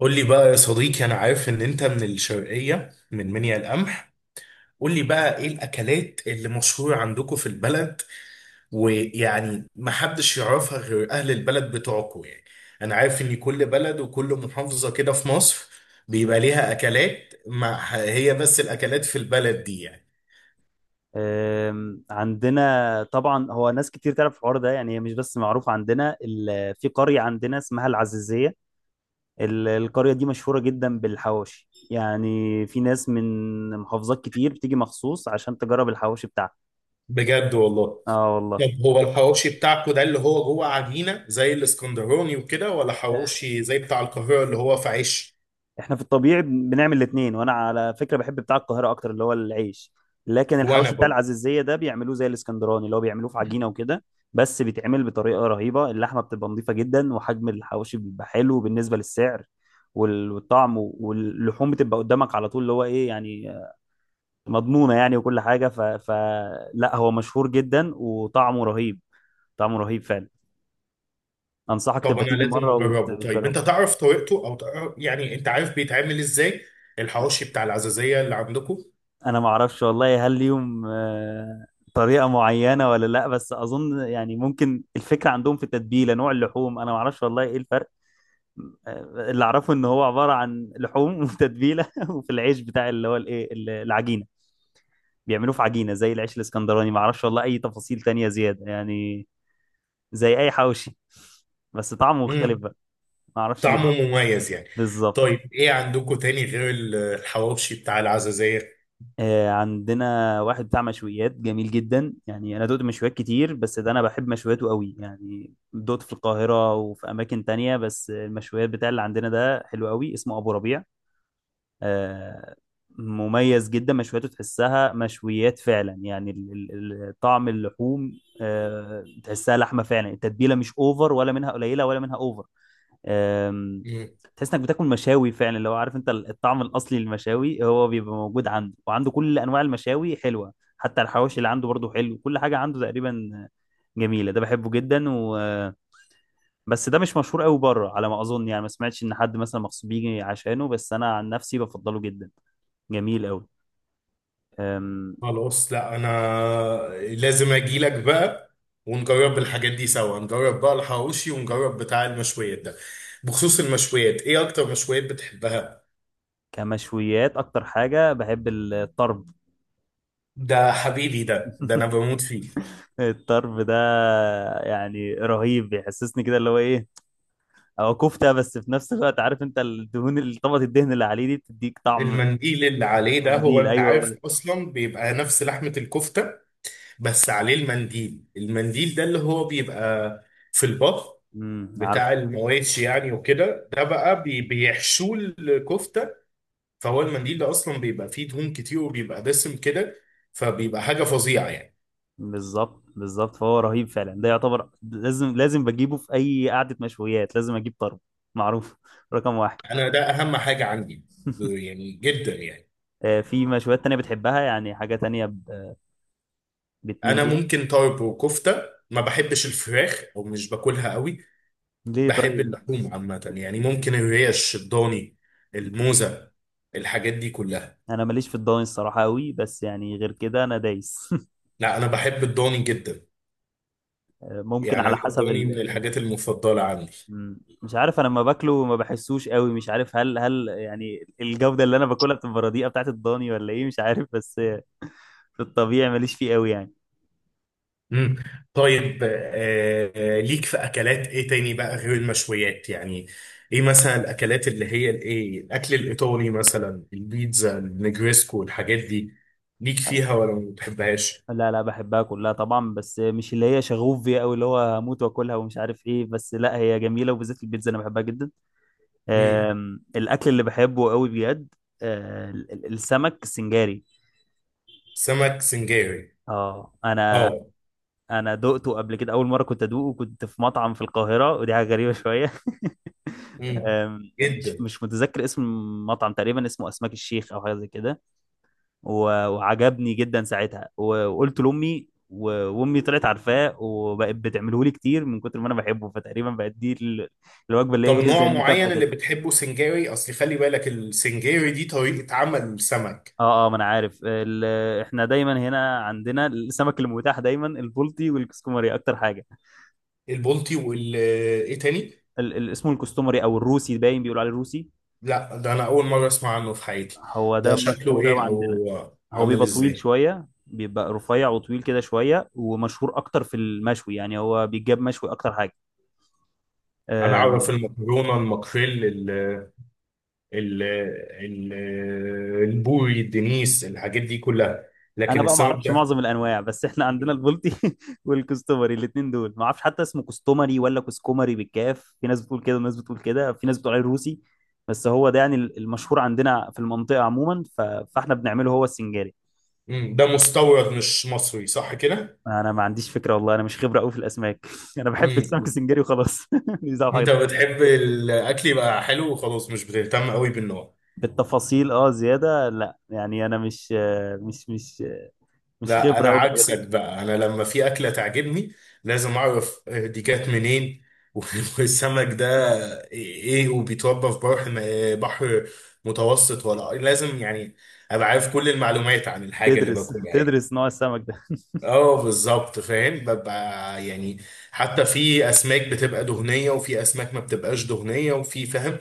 قول لي بقى يا صديقي، انا عارف ان انت من الشرقيه، من منيا القمح. قول لي بقى ايه الاكلات اللي مشهوره عندكم في البلد، ويعني ما حدش يعرفها غير اهل البلد بتوعكم يعني. انا عارف ان كل بلد وكل محافظه كده في مصر بيبقى ليها اكلات، ما هي بس الاكلات في البلد دي يعني. عندنا طبعا هو ناس كتير تعرف الحوار ده يعني، هي مش بس معروف عندنا في قرية عندنا اسمها العزيزية. القرية دي مشهورة جدا بالحواوشي يعني، في ناس من محافظات كتير بتيجي مخصوص عشان تجرب الحواوشي بتاعها. بجد والله؟ اه والله. طب هو الحواوشي بتاعكم ده اللي هو جوه عجينه زي الاسكندراني وكده، ولا حواوشي زي بتاع القاهره اللي هو في عيش؟ احنا في الطبيعي بنعمل الاثنين، وانا على فكره بحب بتاع القاهره اكتر اللي هو العيش، لكن وانا الحواوشي بتاع برضه. العزيزيه ده بيعملوه زي الاسكندراني اللي هو بيعملوه في عجينه وكده. بس بيتعمل بطريقه رهيبه، اللحمه بتبقى نظيفه جدا، وحجم الحواوشي بيبقى حلو بالنسبه للسعر، والطعم، واللحوم بتبقى قدامك على طول اللي هو ايه يعني، مضمونه يعني، وكل حاجه. فلا، هو مشهور جدا وطعمه رهيب. طعمه رهيب فعلا. انصحك طب تبقى انا تيجي لازم مره اجربه. طيب وتجربه. انت تعرف طريقته، او تعرف يعني انت عارف بيتعمل ازاي الحواوشي بتاع العزازية اللي عندكم؟ انا ما اعرفش والله هل ليهم طريقه معينه ولا لا، بس اظن يعني ممكن الفكره عندهم في التتبيله، نوع اللحوم، انا ما اعرفش والله ايه الفرق. اللي اعرفه ان هو عباره عن لحوم وتتبيله، وفي العيش بتاع اللي هو الايه العجينه، بيعملوه في عجينه زي العيش الاسكندراني. ما اعرفش والله اي تفاصيل تانية زياده يعني، زي اي حواوشي، بس طعمه مختلف امم. بقى. ما اعرفش ليه. طعمه مميز يعني. بالظبط. طيب ايه عندكم تاني غير الحواوشي بتاع العزازية؟ عندنا واحد بتاع مشويات جميل جدا يعني، انا دقت مشويات كتير بس ده انا بحب مشوياته قوي يعني، دقت في القاهرة وفي اماكن تانية، بس المشويات بتاع اللي عندنا ده حلو قوي، اسمه ابو ربيع. آه. مميز جدا مشوياته، تحسها مشويات فعلا يعني، طعم اللحوم، آه، تحسها لحمة فعلا، التتبيلة مش اوفر ولا منها قليلة ولا منها اوفر. أم، امم. تحس انك بتاكل مشاوي فعلا، لو عارف انت الطعم الاصلي للمشاوي هو بيبقى موجود عنده، وعنده كل انواع المشاوي حلوه، حتى الحواوشي اللي عنده برضه حلو، كل حاجه عنده تقريبا جميله، ده بحبه جدا. بس ده مش مشهور قوي بره على ما اظن يعني، ما سمعتش ان حد مثلا مخصوص بيجي عشانه، بس انا عن نفسي بفضله جدا، جميل قوي. أم، خلاص، لا انا لازم اجي لك بقى، ونجرب الحاجات دي سوا، نجرب بقى الحواوشي ونجرب بتاع المشويات ده. بخصوص المشويات، ايه اكتر مشويات بتحبها؟ كمشويات اكتر حاجه بحب الطرب. ده حبيبي، ده انا بموت فيه. الطرب ده يعني رهيب، بيحسسني كده اللي هو ايه، هو كفتة، بس في نفس الوقت عارف انت الدهون اللي طبقة الدهن اللي عليه دي بتديك طعم. المنديل اللي عليه ده، هو المنديل، انت ايوه هو عارف ده. اصلا بيبقى نفس لحمة الكفتة، بس عليه المنديل، المنديل ده اللي هو بيبقى في البط امم، عارف. بتاع المواشي يعني وكده، ده بقى بيحشوه الكفتة، فهو المنديل ده اصلا بيبقى فيه دهون كتير وبيبقى دسم كده، فبيبقى حاجة فظيعة يعني. بالظبط بالظبط، فهو رهيب فعلا، ده يعتبر لازم، لازم بجيبه في اي قعدة مشويات، لازم اجيب طرب، معروف رقم واحد. انا ده اهم حاجة عندي، يعني جدا يعني. في مشويات تانية بتحبها يعني، حاجة تانية بتميل انا ليها؟ ممكن طرب وكفتة، ما بحبش الفراخ او مش باكلها قوي. ليه بحب طيب؟ اللحوم عامة يعني، ممكن الريش الضاني، مم. الموزة، الحاجات دي كلها. انا ماليش في الضاني الصراحة قوي، بس يعني غير كده انا دايس. لا، أنا بحب الضاني جدا، ممكن يعني على أنا حسب الضاني من الحاجات المفضلة عندي. مم. مش عارف، انا لما باكله ما بحسوش قوي، مش عارف هل يعني الجودة اللي انا باكلها بتبقى رديئة بتاعت الضاني ولا ايه، مش عارف. بس في الطبيعي ماليش فيه قوي يعني. مم. طيب، ليك في أكلات إيه تاني بقى غير المشويات يعني؟ إيه مثلا الأكلات اللي هي الإيه، الأكل الإيطالي مثلا، البيتزا، النجريسكو، الحاجات دي، ليك أنا- فيها ولا ما بتحبهاش؟ لا لا، بحبها كلها طبعا، بس مش اللي هي شغوف بيها قوي اللي هو هموت واكلها ومش عارف ايه، بس لا هي جميلة، وبالذات البيتزا انا بحبها جدا. مم. الاكل اللي بحبه قوي بجد السمك السنجاري. سمك سنجاري. اه انا، اه. انا دقته قبل كده، اول مره كنت ادوقه كنت في مطعم في القاهره، ودي حاجه غريبه شويه. مم. مش جدا. متذكر اسم المطعم، تقريبا اسمه اسماك الشيخ او حاجه زي كده، وعجبني جدا ساعتها، وقلت لامي، وامي طلعت عارفاه وبقت بتعمله لي كتير من كتر ما انا بحبه، فتقريبا بقت دي الوجبه اللي هي طب ايه، زي نوع المكافاه معين اللي كده. بتحبه سنجاري؟ اصل خلي بالك السنجاري دي طريقة عمل سمك. اه اه، ما انا عارف احنا دايما هنا عندنا السمك المتاح دايما البلطي والكسكومري اكتر حاجه. البلطي ايه تاني؟ اسمه الكستومري او الروسي، باين بيقولوا عليه الروسي. لا، ده انا اول مرة اسمع عنه في حياتي. هو ده ده شكله مشهور قوي ايه عندنا. او هو عامل بيبقى طويل ازاي؟ شوية، بيبقى رفيع وطويل كده شوية، ومشهور أكتر في المشوي يعني، هو بيتجاب مشوي أكتر حاجة. انا أم، اعرف المكرونة، الماكريل، ال ال ال البوري، الدنيس، الحاجات دي كلها، أنا لكن بقى ما السمك أعرفش معظم ده. الأنواع، بس إحنا عندنا البلطي والكستومري، الاتنين دول ما أعرفش حتى اسمه كستومري ولا كسكومري بالكاف، في ناس بتقول كده وناس بتقول كده، في ناس بتقول عليه روسي، بس هو ده يعني المشهور عندنا في المنطقة عموما. فإحنا بنعمله هو السنجاري. ده مستورد مش مصري صح كده؟ أنا ما عنديش فكرة والله، أنا مش خبرة قوي في الأسماك. أنا بحب مم، السمك مم. السنجاري وخلاص. مش دعوة انت بحاجة. بتحب الاكل يبقى حلو وخلاص، مش بتهتم قوي بالنوع. بالتفاصيل اه زياده لا يعني، انا مش مش مش لا خبره انا قوي في الحاجات دي. عكسك بقى، انا لما في اكله تعجبني لازم اعرف دي جت منين. والسمك ده ايه، وبيتربى في بحر، بحر متوسط ولا إيه؟ لازم يعني ابقى عارف كل المعلومات عن الحاجه اللي تدرس باكلها يعني. تدرس نوع السمك ده. اه بالظبط، فاهم ببقى يعني حتى في اسماك بتبقى دهنيه وفي اسماك ما بتبقاش دهنيه، وفي فاهم.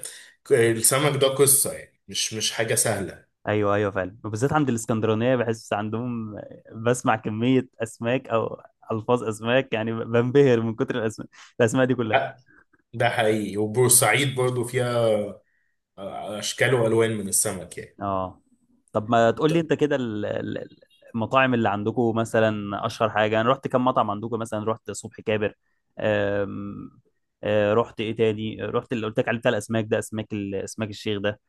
السمك ده قصه يعني، مش حاجه سهله. ايوه ايوه فعلا، وبالذات عند الاسكندرانيه بحس عندهم، بسمع كميه اسماك، او الفاظ اسماك يعني، بنبهر من كتر الاسماء، الاسماء دي كلها. لا ده حقيقي، وبورسعيد برضو فيها اشكال والوان من السمك يعني. اه. طب ما تقول لي انت كده المطاعم اللي عندكم مثلا اشهر حاجه؟ انا رحت كم مطعم عندكم، مثلا رحت صبحي كابر. أم... رحت ايه تاني؟ رحت اللي قلت لك عليه بتاع الاسماك ده، اسماك اسماك الشيخ ده.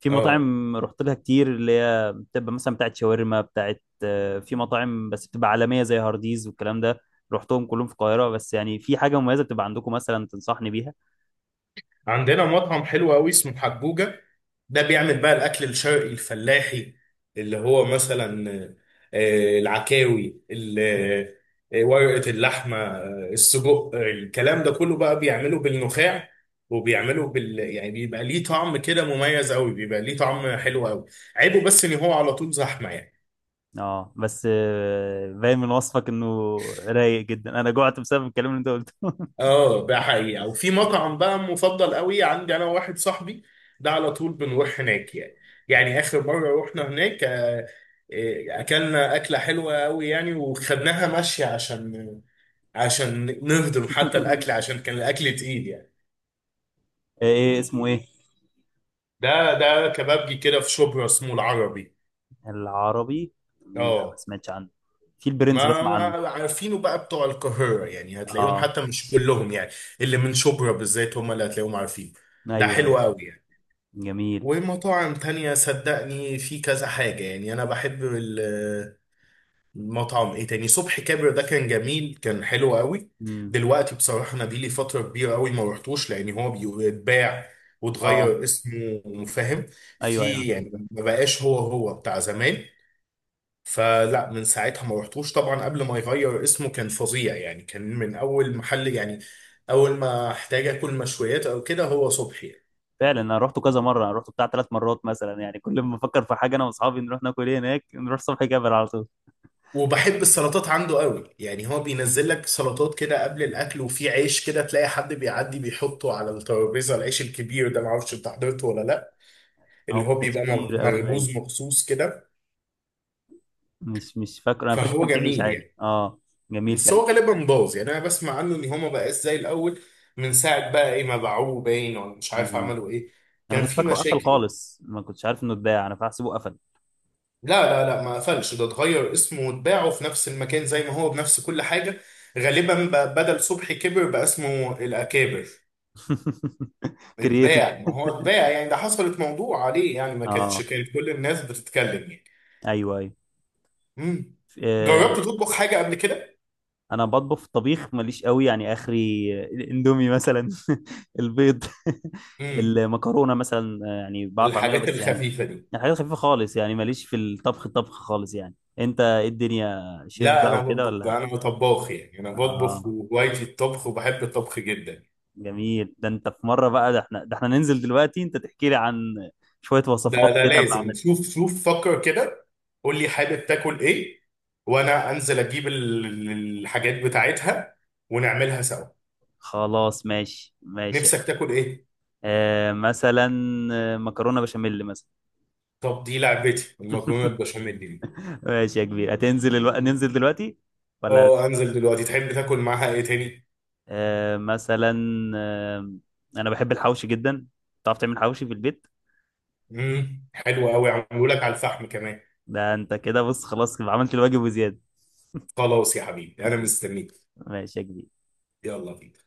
في اه. مطاعم رحت لها كتير اللي هي بتبقى مثلا بتاعت شاورما، بتاعت في مطاعم بس بتبقى عالمية زي هارديز والكلام ده، رحتهم كلهم في القاهرة، بس يعني في حاجة مميزة بتبقى عندكم مثلا تنصحني بيها؟ عندنا مطعم حلو قوي اسمه حجوجة، ده بيعمل بقى الاكل الشرقي الفلاحي، اللي هو مثلا العكاوي، ورقة اللحمة، السجق، الكلام ده كله بقى بيعمله بالنخاع، وبيعمله يعني بيبقى ليه طعم كده مميز قوي، بيبقى ليه طعم حلو قوي. عيبه بس ان هو على طول زحمة يعني. اه بس باين من وصفك انه رايق جدا، انا جوعت بسبب الكلام اللي انت قلته. اه ده حقيقة. وفي مطعم بقى مفضل قوي عندي انا وواحد صاحبي، ده على طول بنروح هناك يعني. يعني اخر مرة رحنا هناك اكلنا اكلة حلوة قوي يعني، وخدناها ماشية عشان نهضم حتى الاكل، عشان كان الاكل تقيل يعني. ايه اسمه ايه؟ ده كبابجي كده في شبرا، اسمه العربي. العربي. لا ما اه سمعتش عنه، في البرنس ما بسمع عنه. ما عارفينه بقى بتوع القاهرة يعني، هتلاقيهم اه. حتى مش كلهم يعني، اللي من شبرا بالذات هم اللي هتلاقيهم عارفين. ده ايوه حلو ايوه. قوي يعني. جميل. ومطاعم تانية صدقني في كذا حاجة يعني. أنا بحب المطعم إيه تاني؟ صبحي كابر ده كان جميل، كان حلو قوي. امم. دلوقتي بصراحة أنا بيلي فترة كبيرة قوي ما رحتوش، لأن هو بيتباع اه وتغير اسمه فاهم؟ ايوه ايوه في يعني ما بقاش هو هو بتاع زمان، فلا من ساعتها ما رحتوش. طبعا قبل ما يغير اسمه كان فظيع يعني، كان من أول محل يعني، أول ما احتاج آكل مشويات أو كده هو صبحي. فعلا، انا رحته كذا مره، انا رحته بتاع 3 مرات مثلا يعني، كل ما افكر في حاجه انا واصحابي نروح ناكل ايه هناك، نروح صبحي جبل على طول. وبحب السلطات عنده قوي يعني، هو بينزل لك سلطات كده قبل الاكل، وفي عيش كده تلاقي حد بيعدي بيحطه على الترابيزه، العيش الكبير ده، معرفش انت حضرته ولا لا، هو اللي ما هو كانش بيبقى كبير قوي باين، مخبوز مخصوص كده. مش فاكره، انا فاكر فهو كان في عيش جميل عادي يعني. اه. جميل بس فعلا. هو غالبا باظ يعني، انا بسمع عنه ان هو ما بقاش زي الاول. من ساعه بقى ايه ما باعوه باين، ولا مش عارف امم. عملوا ايه. انا كان كنت في فاكره قفل مشاكل يعني. خالص، ما كنتش عارف انه اتباع، انا فاحسبه قفل. لا لا لا، ما قفلش. ده اتغير اسمه واتباعه في نفس المكان زي ما هو بنفس كل حاجه، غالبا بقى بدل صبحي كبر بقى اسمه الاكابر. كرييتيف. اتباع، ما هو اتباع يعني، ده حصلت موضوع عليه يعني، ما كانتش اه. كانت كل الناس بتتكلم يعني. ايوه ايوه. امم. آه، جربت تطبخ حاجة قبل كده؟ انا بطبخ، في الطبيخ ماليش قوي يعني، اخري الاندومي مثلا، البيض، امم. المكرونه مثلا يعني بعرف اعملها، الحاجات بس يعني، الخفيفة دي. يعني حاجات خفيفه خالص يعني، ماليش في الطبخ، الطبخ خالص يعني. انت ايه الدنيا، شيف لا بقى انا وكده بطبخ، ولا؟ انا طباخ يعني، انا بطبخ اه وهوايتي الطبخ، وبحب الطبخ جدا. جميل، ده انت في مره بقى، ده احنا، ده احنا ننزل دلوقتي انت تحكي لي عن شويه ده وصفات ده كده لازم، بعمل. شوف شوف فكر كده، قول لي حابب تاكل ايه، وانا انزل اجيب الحاجات بتاعتها، ونعملها سوا. خلاص ماشي ماشي. نفسك تاكل ايه؟ آه مثلا آه، مكرونه بشاميل مثلا. طب دي لعبتي، المكرونة البشاميل دي. ماشي يا كبير، هتنزل ننزل دلوقتي ولا؟ اه انزل دلوقتي، تحب تاكل معاها ايه تاني؟ آه، مثلا آه، انا بحب الحوشي جدا، تعرف تعمل حوشي في البيت؟ حلو قوي، عملوا لك على الفحم كمان. ده انت كده بص، خلاص يبقى عملت الواجب وزياده. خلاص يا حبيبي، انا مستنيك. ماشي يا كبير. يلا بينا.